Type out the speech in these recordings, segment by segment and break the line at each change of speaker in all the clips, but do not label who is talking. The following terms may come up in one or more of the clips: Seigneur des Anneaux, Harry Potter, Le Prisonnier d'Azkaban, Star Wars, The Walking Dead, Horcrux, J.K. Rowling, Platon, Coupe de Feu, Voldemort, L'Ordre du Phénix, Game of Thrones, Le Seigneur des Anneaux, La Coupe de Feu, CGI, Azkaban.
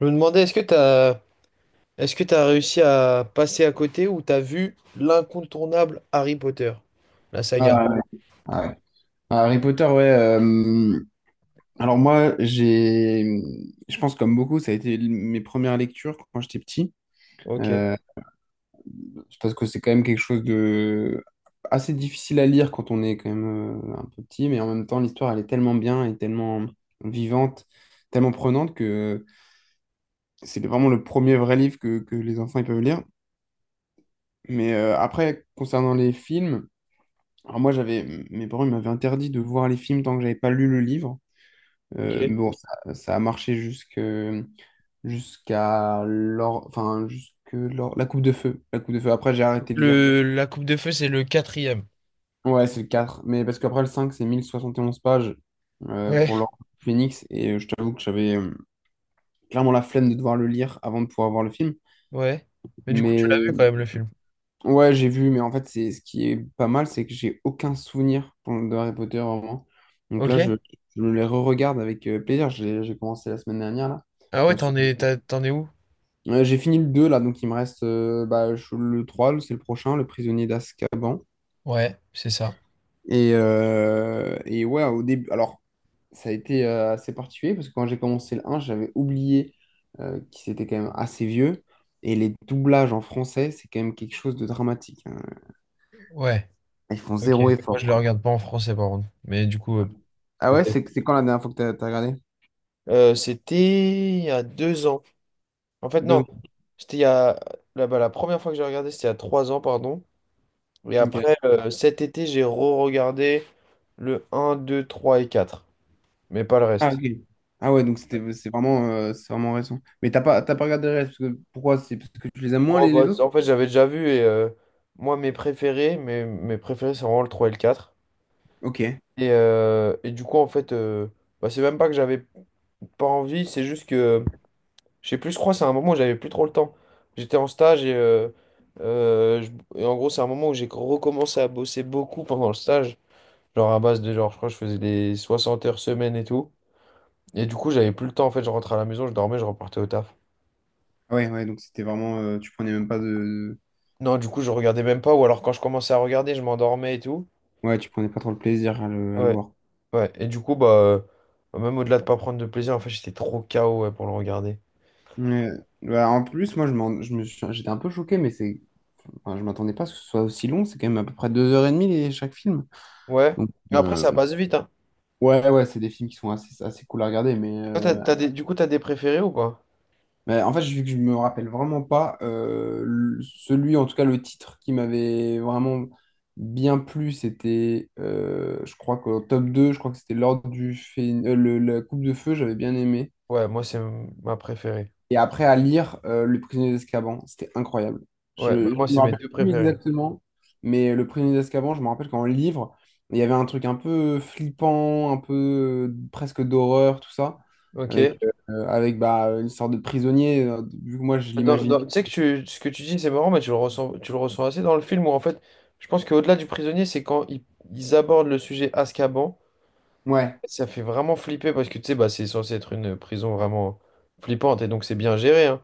Je me demandais, est-ce que t'as réussi à passer à côté ou t'as vu l'incontournable Harry Potter, la saga?
Ah, ouais. Ah, ouais. Ah, Harry Potter, ouais. Alors moi, je pense comme beaucoup, ça a été mes premières lectures quand j'étais petit.
Ok,
Euh, c'est parce que c'est quand même quelque chose de assez difficile à lire quand on est quand même un peu petit, mais en même temps, l'histoire, elle est tellement bien et tellement vivante, tellement prenante que c'est vraiment le premier vrai livre que les enfants ils peuvent lire. Mais après, concernant les films, alors moi, j'avais, mes parents ils m'avaient interdit de voir les films tant que j'avais pas lu le livre. Mais
ok.
bon, ça a marché jusqu'à la Coupe de Feu. La Coupe de Feu. Après, j'ai arrêté de lire.
Le, la Coupe de Feu, c'est le quatrième.
Ouais, c'est le quatre. Mais parce qu'après, le 5 c'est 1071 pages pour
Ouais,
l'Ordre du Phénix. Et je t'avoue que j'avais clairement la flemme de devoir le lire avant de pouvoir voir le film.
ouais. Mais du coup, tu l'as vu
Mais
quand même, le film.
ouais, j'ai vu. Mais en fait, c'est ce qui est pas mal, c'est que j'ai aucun souvenir de Harry Potter, vraiment. Donc
Ok.
je me les re-regarde avec plaisir. J'ai commencé la semaine dernière, là.
Ah ouais, t'en es où?
J'ai fini le 2 là, donc il me reste le 3 c'est le prochain, Le Prisonnier d'Azkaban.
Ouais, c'est ça.
Et ouais, au début, alors ça a été assez particulier parce que quand j'ai commencé le un j'avais oublié qu'il était quand même assez vieux. Et les doublages en français, c'est quand même quelque chose de dramatique, hein.
Ouais,
Ils font
ok.
zéro
Moi,
effort,
je le
quoi.
regarde pas en français, par contre. Mais du coup,
Ah ouais,
peut-être.
c'est quand la dernière fois que t'as regardé?
C'était il y a 2 ans. En fait,
Deux
non.
ans.
C'était il y a... Là-bas, la première fois que j'ai regardé, c'était il y a 3 ans, pardon. Et
Ok.
après, cet été, j'ai re-regardé le un 2 3 et quatre, mais pas le
Ah, ok.
reste.
Ah ouais, donc c'est vraiment récent. Mais t'as pas regardé le reste, pourquoi? C'est parce que tu les aimes moins
Oh, bah,
les autres?
en fait, j'avais déjà vu et moi, mes préférés, c'est vraiment le 3 et le quatre.
Ok.
Et du coup, en fait, bah, c'est même pas que j'avais pas envie, c'est juste que, je sais plus, je crois, c'est un moment où j'avais plus trop le temps. J'étais en stage et, et en gros, c'est un moment où j'ai recommencé à bosser beaucoup pendant le stage, genre à base de genre, je crois, que je faisais des 60 heures semaine et tout. Et du coup, j'avais plus le temps, en fait, je rentrais à la maison, je dormais, je repartais au taf.
Ah ouais, ouais, donc c'était vraiment, tu prenais même pas de.
Non, du coup, je regardais même pas, ou alors quand je commençais à regarder, je m'endormais et tout.
Ouais, tu prenais pas trop le plaisir à à le
Ouais,
voir.
ouais. Et du coup, bah, même au-delà de pas prendre de plaisir, en fait, j'étais trop KO, ouais, pour le regarder.
Ouais. Bah, en plus, moi, je m'en- je me suis- j'étais un peu choqué, mais c'est. Enfin, je m'attendais pas à ce que ce soit aussi long. C'est quand même à peu près deux heures et demie chaque film.
Ouais.
Donc,
Mais après, ça passe vite, hein.
ouais, ouais, c'est des films qui sont assez cool à regarder.
Toi, t'as- t'as des... Du coup, t'as des préférés ou pas?
Mais en fait, vu que je me rappelle vraiment pas celui, en tout cas, le titre qui m'avait vraiment bien plu, c'était, je crois qu'au top deux, je crois que c'était l'ordre du Phé- le- la Coupe de Feu, j'avais bien aimé.
Ouais, moi, ma préférée.
Et après, à lire Le Prisonnier d'Azkaban, c'était incroyable. Je
Ouais, bah,
ne
moi, c'est
me
mes
rappelle
deux
plus
préférés.
exactement, mais Le Prisonnier d'Azkaban, je me rappelle qu'en livre, il y avait un truc un peu flippant, un peu presque d'horreur, tout ça,
Ok.
avec, avec bah, une sorte de prisonnier, vu que moi je l'imagine.
Tu sais que tu, ce que tu dis, c'est marrant, mais tu le ressens assez dans le film où, en fait, je pense qu'au-delà du prisonnier, c'est quand ils abordent le sujet Azkaban.
Ouais,
Ça fait vraiment flipper parce que tu sais, bah, c'est censé être une prison vraiment flippante et donc c'est bien géré, hein.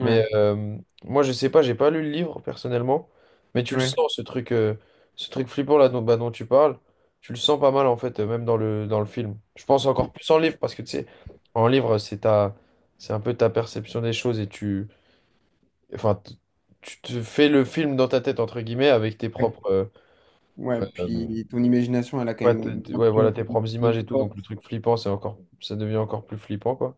Mais moi, je sais pas, j'ai pas lu le livre personnellement, mais tu le
ouais,
sens ce truc flippant là dont, bah, dont tu parles, tu le sens pas mal en fait, même dans dans le film. Je pense encore plus en livre parce que tu sais, en livre, c'est un peu ta perception des choses et tu, enfin, tu te fais le film dans ta tête entre guillemets avec tes
ouais.
propres,
Ouais,
euh,
puis ton imagination, elle a quand
ouais,
même bien
ouais, voilà,
plus
tes propres images
de
et tout, donc le
force.
truc flippant, c'est encore, ça devient encore plus flippant, quoi.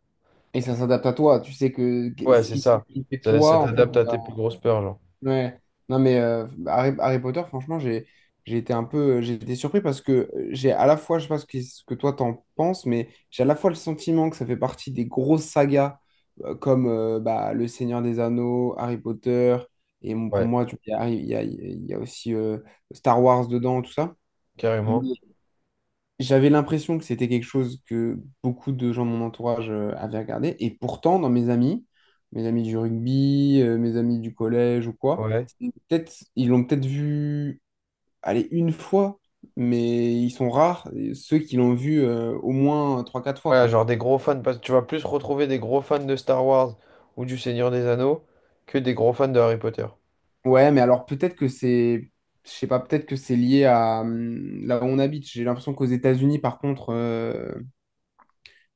Et ça s'adapte à toi. Tu sais que que-
Ouais,
ce
c'est
qui
ça.
ce qui fait
Ça
toi, en fait,
t'adapte à
bah,
tes plus grosses peurs, genre.
ouais. Non, mais Harry, Harry Potter, franchement, j'ai été un peu, j'ai été surpris parce que j'ai à la fois, je sais pas ce que, ce que toi t'en penses, mais j'ai à la fois le sentiment que ça fait partie des grosses sagas comme Le Seigneur des Anneaux, Harry Potter, pour
Ouais,
moi, il y a aussi Star Wars dedans, tout ça.
carrément.
J'avais l'impression que c'était quelque chose que beaucoup de gens de mon entourage avaient regardé. Et pourtant, dans mes amis du rugby, mes amis du collège ou quoi,
Ouais.
c'est peut-être, ils l'ont peut-être vu, allez, une fois, mais ils sont rares, ceux qui l'ont vu au moins trois quatre fois,
Ouais,
quoi.
genre des gros fans, parce que tu vas plus retrouver des gros fans de Star Wars ou du Seigneur des Anneaux que des gros fans de Harry Potter.
Ouais, mais alors peut-être que c'est, je sais pas, peut-être que c'est lié à là où on habite. J'ai l'impression qu'aux États-Unis, par contre,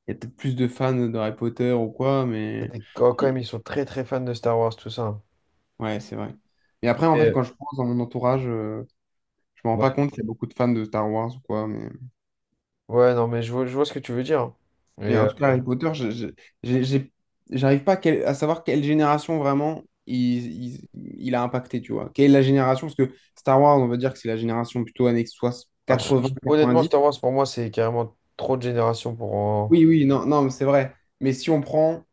il y a peut-être plus de fans d'Harry Potter ou quoi,
Ça,
mais...
quand quand même, ils sont très très fans de Star Wars, tout ça, hein.
Ouais, c'est vrai. Et après, en fait,
Et,
quand je pense dans mon entourage, je me rends pas
ouais.
compte qu'il y a beaucoup de fans de Star Wars ou quoi.
Ouais, non, mais je vois ce que tu veux dire, hein. Et,
Mais en tout cas, Harry Potter, j'ai- j'ai- j'arrive pas à, à savoir quelle génération vraiment il a impacté, tu vois. Quelle est la génération? Parce que Star Wars, on va dire que c'est la génération plutôt
ah,
quatre-vingts
honnêtement,
quatre-vingt-dix.
Star Wars, pour moi, c'est carrément trop de générations pour en...
Oui, oui, non, non, mais c'est vrai. Mais si on prend.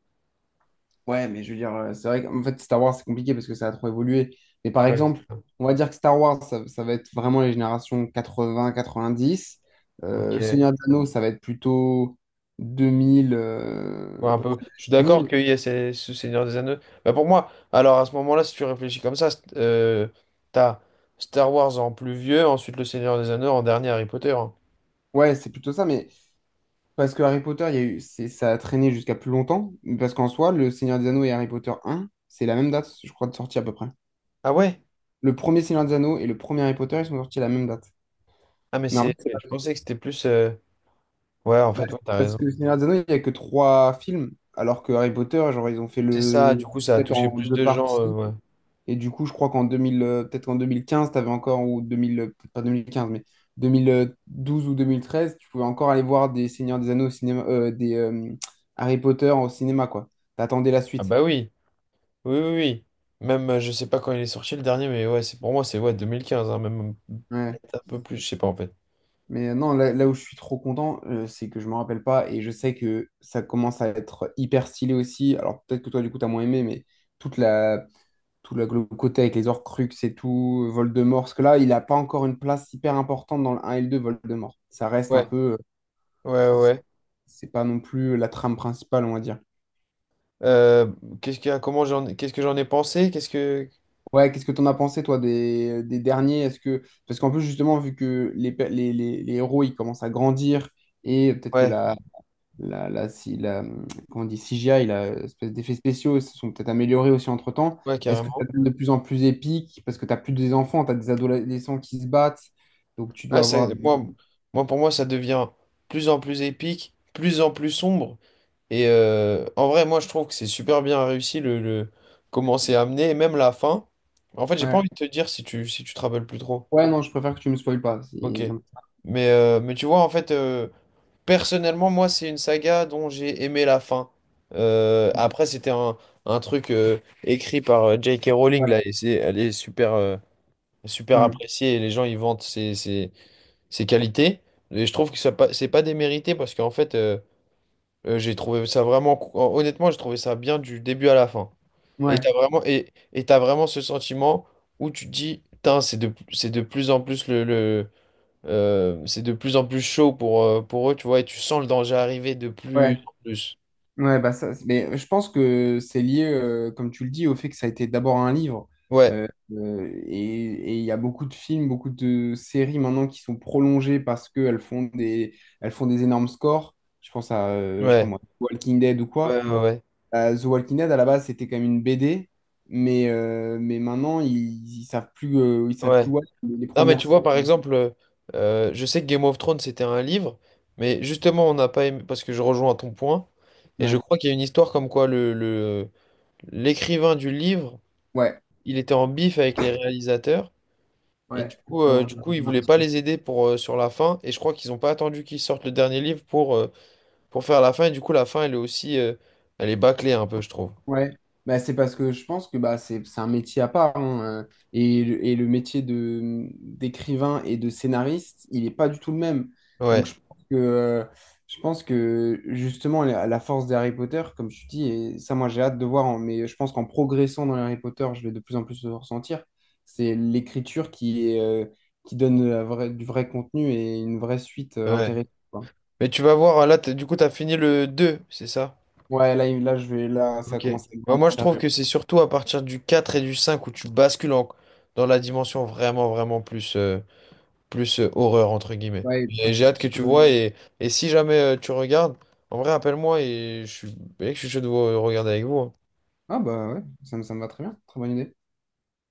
Ouais, mais je veux dire, c'est vrai qu'en fait, Star Wars, c'est compliqué parce que ça a trop évolué. Mais par
Ouais, c'est
exemple,
ça.
on va dire que Star Wars, ça va être vraiment les générations 80-90. Le
Ok.
Seigneur des Anneaux, ça va être plutôt 2000,
Ouais,
à
un
peu
peu.
près
Je suis d'accord
2000.
qu'il y a ce Seigneur des Anneaux. Bah pour moi, alors à ce moment-là, si tu réfléchis comme ça, t'as Star Wars en plus vieux, ensuite le Seigneur des Anneaux, en dernier Harry Potter, hein.
Ouais, c'est plutôt ça, mais parce que Harry Potter, il y a eu, c'est, ça a traîné jusqu'à plus longtemps. Parce qu'en soi, le Seigneur des Anneaux et Harry Potter 1, c'est la même date, je crois, de sortie à peu près.
Ah ouais?
Le premier Seigneur des Anneaux et le premier Harry Potter, ils sont sortis à la même date.
Ah mais
Mais en
c'est.
fait.
Je pensais que c'était plus. Ouais, en
Bah,
fait,
c'est
ouais, t'as
parce
raison.
que Le Seigneur des Anneaux, il n'y a que trois films, alors que Harry Potter, genre, ils ont fait
C'est ça, du
le...
coup, ça a
peut-être
touché
en
plus
deux
de gens,
parties.
ouais.
Et du coup, je crois qu'en 2000, peut-être qu'en 2015, t'avais encore, ou 2000, peut-être pas 2015, mais 2012 ou 2013, tu pouvais encore aller voir des Seigneurs des Anneaux au cinéma, des Harry Potter au cinéma, quoi. T'attendais la
Ah
suite.
bah oui, oui, oui, oui. Même, je sais pas quand il est sorti le dernier, mais ouais, c'est pour moi, c'est ouais, 2015, hein, même
Ouais.
peut-être un peu plus, je sais pas en fait.
Mais non, là où je suis trop content, c'est que je me rappelle pas et je sais que ça commence à être hyper stylé aussi. Alors peut-être que toi, du coup, t'as moins aimé, mais toute la tout le côté avec les Horcrux et tout, Voldemort, parce que là, il n'a pas encore une place hyper importante dans le un et le 2, Voldemort. Ça reste un
Ouais,
peu...
ouais,
c'est
ouais.
pas non plus la trame principale, on va dire.
Euh, qu'est-ce qu'il a, comment j'en, qu'est-ce que j'en ai pensé? Qu'est-ce que.
Ouais, qu'est-ce que t'en as pensé, toi, des derniers? Est-ce que... Parce qu'en plus, justement, vu que les, pe- les héros, ils commencent à grandir, et peut-être que
Ouais.
la- si, la, comment on dit, CGI, la espèce d'effets spéciaux se sont peut-être améliorés aussi entre-temps.
Ouais,
Est-ce que ça
carrément.
devient de plus en plus épique? Parce que tu n'as plus des enfants, tu as des adolescents qui se battent. Donc tu dois
Ah, ça,
avoir des...
moi, moi, pour moi, ça devient plus en plus épique, plus en plus sombre. Et en vrai, moi, je trouve que c'est super bien réussi le comment c'est amené, et même la fin. En fait, j'ai pas
Ouais.
envie de te dire si tu, si tu te rappelles plus trop.
Ouais, non, je préfère que tu me spoiles pas,
Ok.
si-
Mais tu vois, en fait, personnellement, moi, c'est une saga dont j'ai aimé la fin. Après, c'était un truc écrit par J.K. Rowling,
Ouais.
là, et c'est, elle est super, super
Hmm.
appréciée, et les gens, ils vantent ses qualités. Et je trouve que ça pas- c'est pas démérité parce qu'en fait, j'ai trouvé ça vraiment. Honnêtement, j'ai trouvé ça bien du début à la fin. Et
Ouais.
t'as vraiment, et t'as vraiment ce sentiment où tu te dis, putain, c'est de plus en plus c'est de plus en plus chaud pour eux, tu vois, et tu sens le danger arriver de plus
Ouais.
en plus.
Ouais, bah ça, mais je pense que c'est lié, comme tu le dis, au fait que ça a été d'abord un livre.
Ouais,
Et et il y a beaucoup de films, beaucoup de séries maintenant qui sont prolongées parce qu'elles elles font des énormes scores. Je pense à, je sais pas
ouais,
moi, Walking Dead ou
ouais,
quoi.
ouais, ouais.
The Walking Dead, à la base, c'était quand même une BD, mais maintenant, ils savent
ouais.
plus où aller. Les
Non, mais
premières
tu
saisons.
vois, par exemple, je sais que Game of Thrones, c'était un livre, mais justement, on n'a pas aimé, parce que je rejoins ton point, et je
Ouais,
crois qu'il y a une histoire comme quoi l'écrivain du livre,
ouais,
il était en bif avec les réalisateurs, et
ouais,
du
George
coup, il voulait pas
Martin.
les aider pour, sur la fin, et je crois qu'ils n'ont pas attendu qu'ils sortent le dernier livre pour faire la fin, et du coup, la fin, elle est aussi, elle est bâclée un peu, je trouve.
Ouais, bah, c'est parce que je pense que bah, c'est un métier à part, hein, et, et le métier de d'écrivain et de scénariste, il n'est pas du tout le même. Donc
Ouais,
je pense que justement, la force d'Harry Potter, comme tu dis, et ça moi j'ai hâte de voir, hein, mais je pense qu'en progressant dans Harry Potter, je vais de plus en plus le ressentir, c'est l'écriture qui qui donne du vrai contenu et une vraie suite
ouais.
intéressante, quoi.
Mais tu vas voir, là, du coup, tu as fini le 2 c'est ça?
Ouais, là, là, ça
Ok.
commence à être
Bah,
vraiment
moi, je trouve
sérieux.
que c'est surtout à partir du 4 et du 5 où tu bascules dans la dimension vraiment plus, plus horreur, entre guillemets.
Ouais,
Et j'ai
presque
hâte que tu
psychologique.
vois et si jamais tu regardes, en vrai, appelle-moi et je suis, mec, je suis chaud de vous regarder avec vous, hein.
Ah bah ouais, ça me va très bien, très bonne idée.